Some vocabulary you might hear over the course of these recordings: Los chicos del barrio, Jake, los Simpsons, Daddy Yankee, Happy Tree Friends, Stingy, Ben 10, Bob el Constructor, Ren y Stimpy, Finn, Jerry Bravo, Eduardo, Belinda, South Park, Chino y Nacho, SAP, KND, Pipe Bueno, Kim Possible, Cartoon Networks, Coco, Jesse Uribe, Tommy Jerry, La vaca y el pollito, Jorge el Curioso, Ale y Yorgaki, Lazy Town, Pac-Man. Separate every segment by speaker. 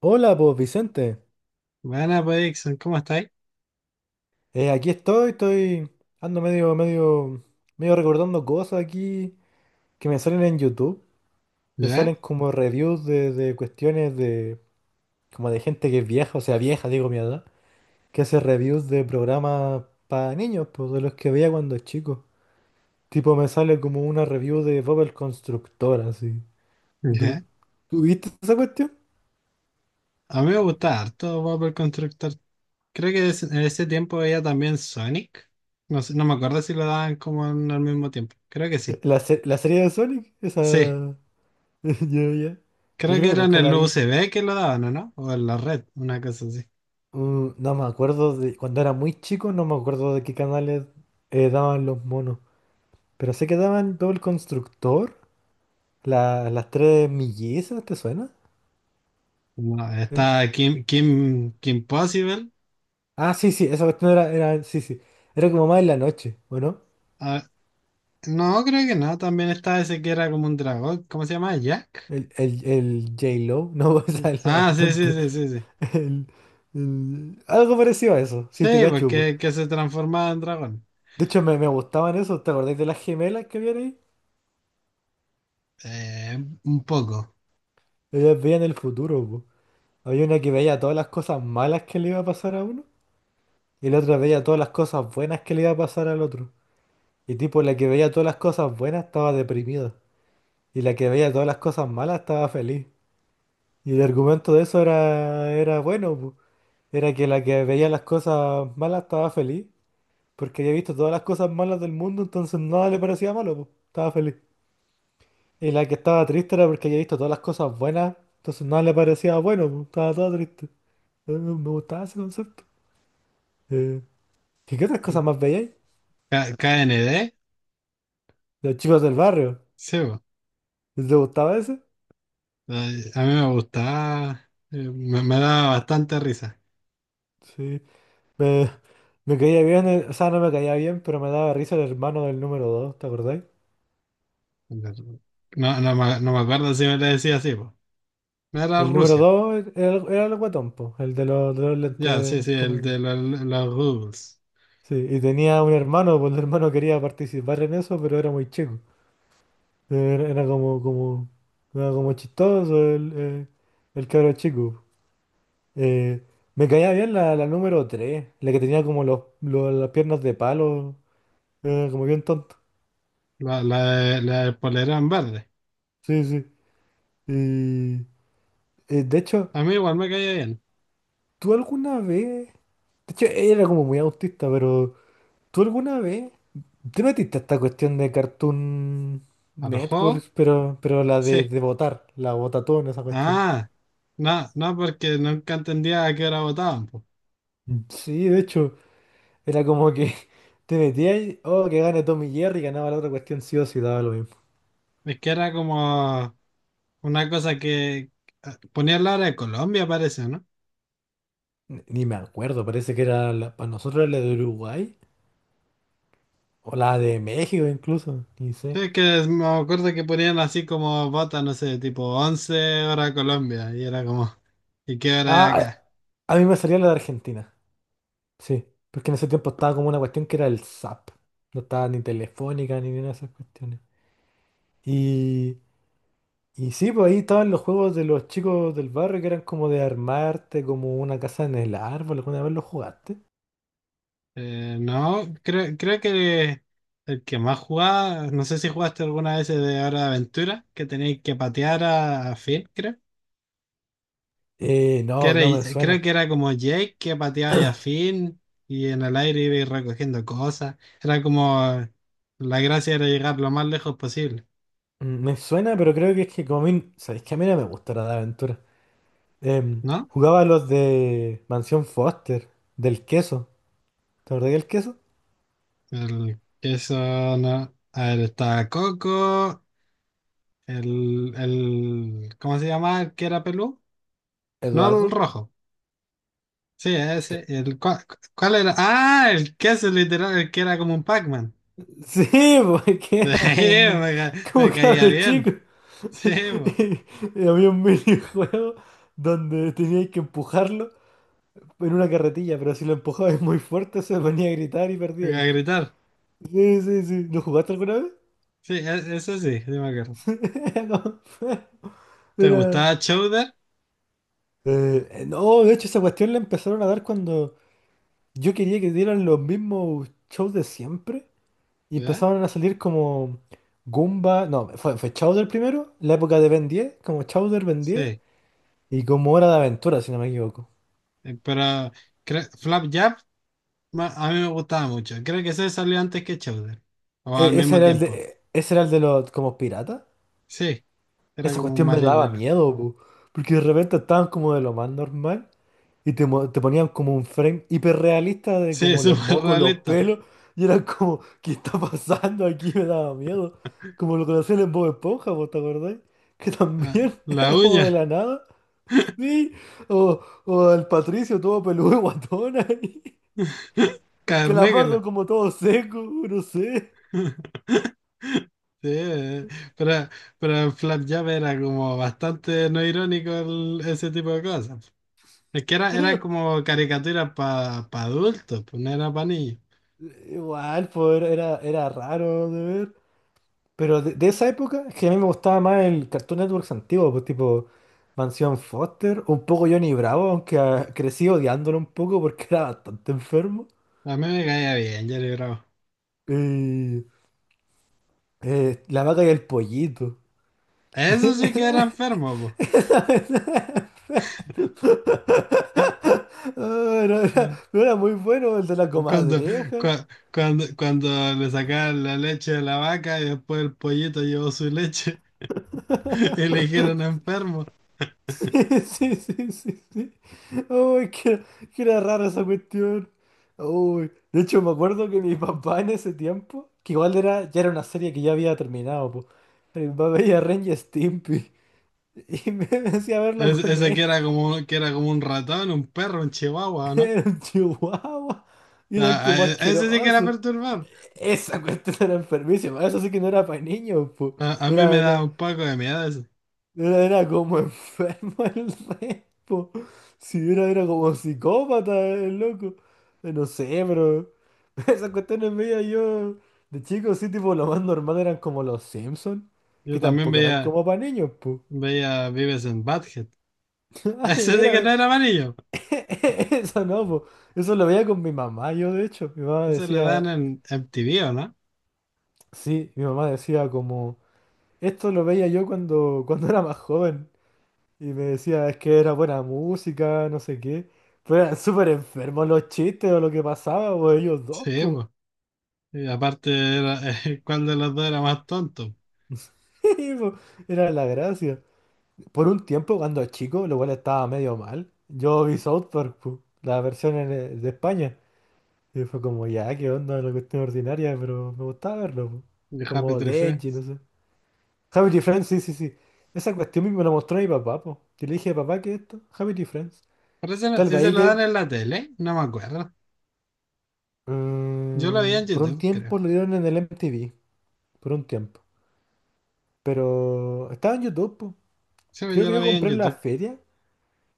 Speaker 1: Hola, pues Vicente.
Speaker 2: Buena, pues, Dixon, ¿cómo estáis?
Speaker 1: Aquí estoy, ando medio recordando cosas aquí que me salen en YouTube. Me
Speaker 2: ¿Ya?
Speaker 1: salen como reviews de cuestiones de, como de gente que es vieja, o sea, vieja, digo mi edad, que hace reviews de programas para niños, pues de los que veía cuando chico. Tipo, me sale como una review de Bob el Constructor, así. ¿Y
Speaker 2: ¿Ya?
Speaker 1: tú viste esa cuestión?
Speaker 2: A mí me gusta harto Bob el Constructor. Creo que en ese tiempo veía también Sonic. No sé, no me acuerdo si lo daban como al mismo tiempo. Creo que sí.
Speaker 1: ¿La, se- la serie de Sonic?
Speaker 2: Sí,
Speaker 1: Esa. Yo, ya. Yo
Speaker 2: creo
Speaker 1: creo
Speaker 2: que
Speaker 1: que
Speaker 2: era en
Speaker 1: nunca
Speaker 2: el
Speaker 1: la vi.
Speaker 2: USB que lo daban, ¿o no? O en la red, una cosa así.
Speaker 1: No me acuerdo de cuando era muy chico, no me acuerdo de qué canales daban los monos. Pero sé que daban todo el constructor, la- las tres mellizas, ¿te suena?
Speaker 2: No,
Speaker 1: Eh,
Speaker 2: está Kim, Kim Possible.
Speaker 1: ah, sí, sí, esa cuestión era, sí, sí. Era como más en la noche, ¿o no?
Speaker 2: Ah, no, creo que no. También está ese que era como un dragón. ¿Cómo se llama? ¿Jack?
Speaker 1: El J-Lo, no, o sea, la
Speaker 2: Ah, sí, sí,
Speaker 1: cantante.
Speaker 2: sí, sí, sí.
Speaker 1: El- el- algo parecido a eso, si te
Speaker 2: Sí,
Speaker 1: cacho, po.
Speaker 2: porque que se transformaba en dragón.
Speaker 1: De hecho, me gustaban eso, ¿te acordás de las gemelas que habían ahí?
Speaker 2: Eh, un poco.
Speaker 1: Ellas veían el futuro, po. Había una que veía todas las cosas malas que le iba a pasar a uno. Y el otro veía todas las cosas buenas que le iba a pasar al otro. Y tipo, la que veía todas las cosas buenas estaba deprimida. Y la que veía todas las cosas malas estaba feliz. Y el argumento de eso era bueno, pu. Era que la que veía las cosas malas estaba feliz. Porque había visto todas las cosas malas del mundo, entonces nada le parecía malo, pu. Estaba feliz. Y la que estaba triste era porque había visto todas las cosas buenas, entonces nada le parecía bueno, pu. Estaba toda triste. Me gustaba ese concepto. Eh, qué otras cosas más veíais?
Speaker 2: KND,
Speaker 1: Los chicos del barrio.
Speaker 2: sí, bo.
Speaker 1: ¿Les gustaba ese?
Speaker 2: Ay, a mí me gustaba, me daba bastante risa.
Speaker 1: Sí, me, me caía bien, el- o sea, no me caía bien, pero me daba risa el hermano del número dos, ¿te acordáis?
Speaker 2: No, no, me no me acuerdo si me le decía así, bo. Era
Speaker 1: El número
Speaker 2: Rusia,
Speaker 1: dos era el guatón, po, el de de los
Speaker 2: ya, sí,
Speaker 1: lentes,
Speaker 2: sí,
Speaker 1: ¿cómo
Speaker 2: el
Speaker 1: se
Speaker 2: de
Speaker 1: dice?
Speaker 2: los Rubles,
Speaker 1: Sí, y tenía un hermano, pues el hermano quería participar en eso, pero era muy chico. Era, era como, como, era como chistoso el cabro chico. Eh, Me caía bien la número tres, la que tenía como las piernas de palo, como bien tonto.
Speaker 2: la, la del polerón verde.
Speaker 1: Sí, sí. Y, de hecho...
Speaker 2: A mí igual me caía bien.
Speaker 1: ¿Tú alguna vez? De hecho, era como muy autista, pero ¿tú alguna vez te metiste a esta cuestión de Cartoon
Speaker 2: ¿A los juegos?
Speaker 1: Networks, pero la
Speaker 2: Sí.
Speaker 1: de votar, la votatón, esa cuestión?
Speaker 2: Ah, no, no, porque nunca entendía a qué hora votaban, po.
Speaker 1: Sí, de hecho, era como que te metías, y, oh, que gane Tommy Jerry, ganaba la otra cuestión sí o sí, daba lo mismo.
Speaker 2: Es que era como una cosa que ponía la hora de Colombia, parece, ¿no?
Speaker 1: Ni me acuerdo, parece que era la, para nosotros era la de Uruguay, o la de México incluso, ni sé.
Speaker 2: Sí, que me acuerdo que ponían así como botas, no sé, tipo 11 hora Colombia, y era como, ¿y qué hora es
Speaker 1: Ah,
Speaker 2: acá?
Speaker 1: a mí me salía la de Argentina. Sí, porque en ese tiempo estaba como una cuestión que era el SAP. No estaba ni telefónica ni ninguna de esas cuestiones. Y, y sí, pues ahí estaban los juegos de los chicos del barrio que eran como de armarte, como una casa en el árbol. ¿Alguna vez lo jugaste?
Speaker 2: No, creo que el que más jugaba, no sé si jugaste alguna vez el de Hora de Aventura, que tenéis que patear a Finn, creo. Que
Speaker 1: No,
Speaker 2: era,
Speaker 1: no me
Speaker 2: creo
Speaker 1: suena.
Speaker 2: que era como Jake que pateaba a Finn y en el aire iba a ir recogiendo cosas. Era como, la gracia era llegar lo más lejos posible,
Speaker 1: Me suena, pero creo que es que como a mí, sabéis que a mí no me gusta la de aventura.
Speaker 2: ¿no?
Speaker 1: Jugaba los de Mansión Foster, del queso. ¿Te acordás del queso?
Speaker 2: El, eso no. A ver, está Coco. ¿Cómo se llama? ¿El que era pelú? No, el
Speaker 1: Eduardo.
Speaker 2: rojo. Sí, ese. El, ¿cuál era? Ah, el que es literal, el que era como un Pac-Man.
Speaker 1: Sí, porque era
Speaker 2: Sí,
Speaker 1: como un
Speaker 2: me caía
Speaker 1: cabro chico.
Speaker 2: bien. Sí, po,
Speaker 1: Y había un minijuego donde teníais que empujarlo en una carretilla, pero si lo empujabais muy fuerte se ponía a gritar y perdíais.
Speaker 2: a gritar.
Speaker 1: Sí, sí, sí. ¿Lo jugaste alguna vez?
Speaker 2: Sí, ese sí, sí me acuerdo.
Speaker 1: No.
Speaker 2: ¿Te
Speaker 1: Era.
Speaker 2: gustaba Chowder?
Speaker 1: No, de hecho, esa cuestión la empezaron a dar cuando yo quería que dieran los mismos shows de siempre y
Speaker 2: ¿Ya?
Speaker 1: empezaron a salir como Goomba. No, fue Chowder primero, la época de Ben 10, como Chowder, Ben 10
Speaker 2: Sí.
Speaker 1: y como Hora de Aventura, si no me equivoco.
Speaker 2: Pero Flapjack a mí me gustaba mucho. Creo que ese salió antes que Chowder. O al mismo tiempo.
Speaker 1: Ese era el de los como piratas.
Speaker 2: Sí, era
Speaker 1: Esa
Speaker 2: como un
Speaker 1: cuestión me daba
Speaker 2: marinero.
Speaker 1: miedo, po, porque de repente estaban como de lo más normal y te ponían como un frame hiperrealista de
Speaker 2: Sí,
Speaker 1: como los
Speaker 2: súper
Speaker 1: mocos, los
Speaker 2: realista.
Speaker 1: pelos, y era como, ¿qué está pasando aquí? Me daba miedo. Como lo que hacían en Bob Esponja, po, ¿te acordáis? Que
Speaker 2: La,
Speaker 1: también
Speaker 2: la
Speaker 1: era como de
Speaker 2: uña.
Speaker 1: la nada. Sí, o, o el Patricio todo peludo y guatón ahí.
Speaker 2: Carnégala.
Speaker 1: Calamardo como todo seco, no sé.
Speaker 2: Sí, pero, pero en Flapjab era como bastante no irónico ese tipo de cosas. Es que era como caricatura para adultos, pues no era para niños.
Speaker 1: Igual, pues era raro de ver. Pero de esa época, es que a mí me gustaba más el Cartoon Networks antiguo, pues tipo Mansión Foster, un poco Johnny Bravo, aunque ah, crecí odiándolo un poco porque era bastante enfermo.
Speaker 2: A mí me caía bien, Jerry Bravo.
Speaker 1: Y la vaca y el pollito.
Speaker 2: Eso sí que era enfermo,
Speaker 1: Ah,
Speaker 2: pues.
Speaker 1: no era muy bueno el de la
Speaker 2: Cuando,
Speaker 1: comadreja.
Speaker 2: cua- cuando le sacaban la leche de la vaca y después el pollito llevó su leche y le dijeron enfermo.
Speaker 1: Sí, sí, sí, sí. Uy, que era rara esa cuestión. Uy, de hecho me acuerdo que mi papá en ese tiempo, que igual era, ya era una serie que ya había terminado, po. Mi papá veía Ren y Stimpy y me decía verlo con
Speaker 2: Ese
Speaker 1: él.
Speaker 2: que era como un ratón, un perro, un chihuahua.
Speaker 1: Era un chihuahua y eran
Speaker 2: A- a-
Speaker 1: como
Speaker 2: ese sí que era
Speaker 1: asquerosos.
Speaker 2: perturbador.
Speaker 1: Esa cuestión era enfermísima, eso sí que no era para niños, po.
Speaker 2: A mí me
Speaker 1: Era,
Speaker 2: da un poco de miedo eso.
Speaker 1: no era como enfermo el repo. Si era como psicópata el loco. No sé, pero esas cuestiones mías yo de chico sí, tipo lo más normal eran como los Simpsons,
Speaker 2: Yo
Speaker 1: que
Speaker 2: también
Speaker 1: tampoco eran
Speaker 2: veía,
Speaker 1: como para niños, po.
Speaker 2: veía Vives en Badhead.
Speaker 1: Ah, de
Speaker 2: Ese sí que no
Speaker 1: veras,
Speaker 2: era amarillo.
Speaker 1: eso no, po. Eso lo veía con mi mamá, yo de hecho. Mi mamá
Speaker 2: Ese le dan
Speaker 1: decía,
Speaker 2: en MTV, ¿o no?
Speaker 1: sí, mi mamá decía como, esto lo veía yo cuando era más joven. Y me decía, es que era buena música, no sé qué. Pero eran súper enfermos los chistes o lo que pasaba, pues ellos dos,
Speaker 2: Sí,
Speaker 1: pues.
Speaker 2: pues. Y aparte, era, ¿cuál de los dos era más tonto?
Speaker 1: Y, pues, era la gracia. Por un tiempo, cuando chico, lo cual estaba medio mal, yo vi South Park, pues, la versión en, de España. Y fue como, ya, qué onda, la cuestión ordinaria, pero me gustaba verlo, pues.
Speaker 2: De Happy
Speaker 1: Como
Speaker 2: Tree
Speaker 1: de Edgy, no
Speaker 2: Friends.
Speaker 1: sé. Happy Friends, sí, sí, sí. Esa cuestión me la mostró mi papá, pues. Que le dije, papá, ¿qué es esto? Happy Friends.
Speaker 2: Pero ese,
Speaker 1: Tal vez
Speaker 2: ese
Speaker 1: ahí
Speaker 2: lo dan
Speaker 1: que,
Speaker 2: en la tele, no me acuerdo. Yo lo veía en
Speaker 1: Mm, Por un
Speaker 2: YouTube, creo.
Speaker 1: tiempo lo dieron en el MTV, por un tiempo. Pero estaba en YouTube, po.
Speaker 2: Sí, pues
Speaker 1: Creo
Speaker 2: yo
Speaker 1: que
Speaker 2: lo
Speaker 1: yo
Speaker 2: veía en
Speaker 1: compré en la
Speaker 2: YouTube.
Speaker 1: feria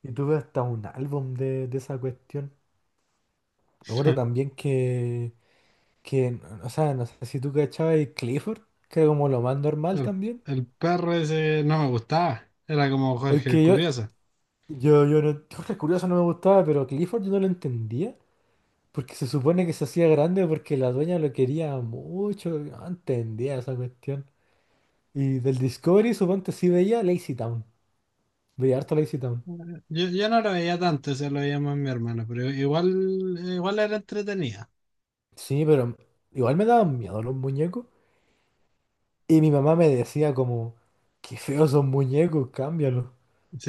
Speaker 1: y tuve hasta un álbum de esa cuestión. Me acuerdo también que, o sea, no sé si tú cachabas el Clifford, que era como lo más normal
Speaker 2: El,
Speaker 1: también.
Speaker 2: el perro ese no me gustaba. Era como
Speaker 1: Es
Speaker 2: Jorge el
Speaker 1: que
Speaker 2: Curioso.
Speaker 1: yo no, Jorge Curioso no me gustaba, pero Clifford yo no lo entendía. Porque se supone que se hacía grande porque la dueña lo quería mucho. Yo no entendía esa cuestión. Y del Discovery, suponte, sí veía Lazy Town. Veía harto Lazy Town.
Speaker 2: Yo no lo veía tanto, se lo veía más mi hermano, pero igual, igual era entretenida.
Speaker 1: Sí, pero igual me daban miedo los muñecos. Y mi mamá me decía como, qué feos son muñecos, cámbialos.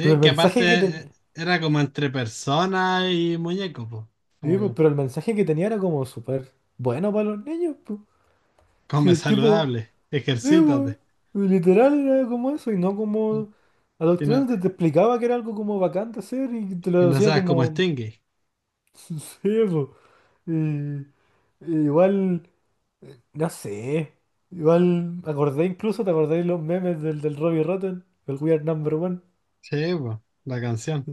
Speaker 1: Pero el
Speaker 2: que aparte
Speaker 1: mensaje que te...
Speaker 2: era como entre persona y muñeco, po.
Speaker 1: sí, pues,
Speaker 2: Como
Speaker 1: pero el mensaje que tenía era como súper bueno para los niños, pues.
Speaker 2: come
Speaker 1: Sí, el tipo,
Speaker 2: saludable,
Speaker 1: sí,
Speaker 2: ejercítate.
Speaker 1: pues, literal era como eso y no
Speaker 2: ¿No?
Speaker 1: como
Speaker 2: Y no,
Speaker 1: adoctrinante, te explicaba que era algo como bacán de hacer y te
Speaker 2: y
Speaker 1: lo
Speaker 2: no
Speaker 1: decía
Speaker 2: seas como
Speaker 1: como,
Speaker 2: Stingy.
Speaker 1: sí, pues. Y- y igual. No sé. Igual, acordé incluso, ¿te acordáis los memes del Robbie Rotten? El We Are Number One.
Speaker 2: Sí, po, la canción.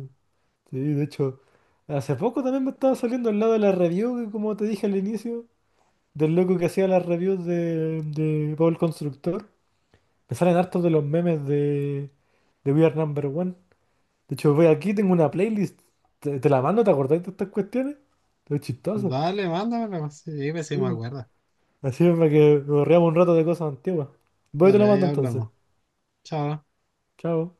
Speaker 1: Sí, de hecho, hace poco también me estaba saliendo al lado de la review, que como te dije al inicio, del loco que hacía las reviews de Paul Constructor. Me salen hartos de los memes de We Are Number One. De hecho, voy aquí, tengo una playlist. Te la mando, ¿te acordáis de estas cuestiones? Es chistoso.
Speaker 2: Dale, mándamela. Sí, pues sí
Speaker 1: Sí,
Speaker 2: me
Speaker 1: pues.
Speaker 2: acuerdo.
Speaker 1: Así es para que nos reamos un rato de cosas antiguas. Voy y te lo
Speaker 2: Dale, ahí
Speaker 1: mando entonces.
Speaker 2: hablamos. Chao.
Speaker 1: Chao.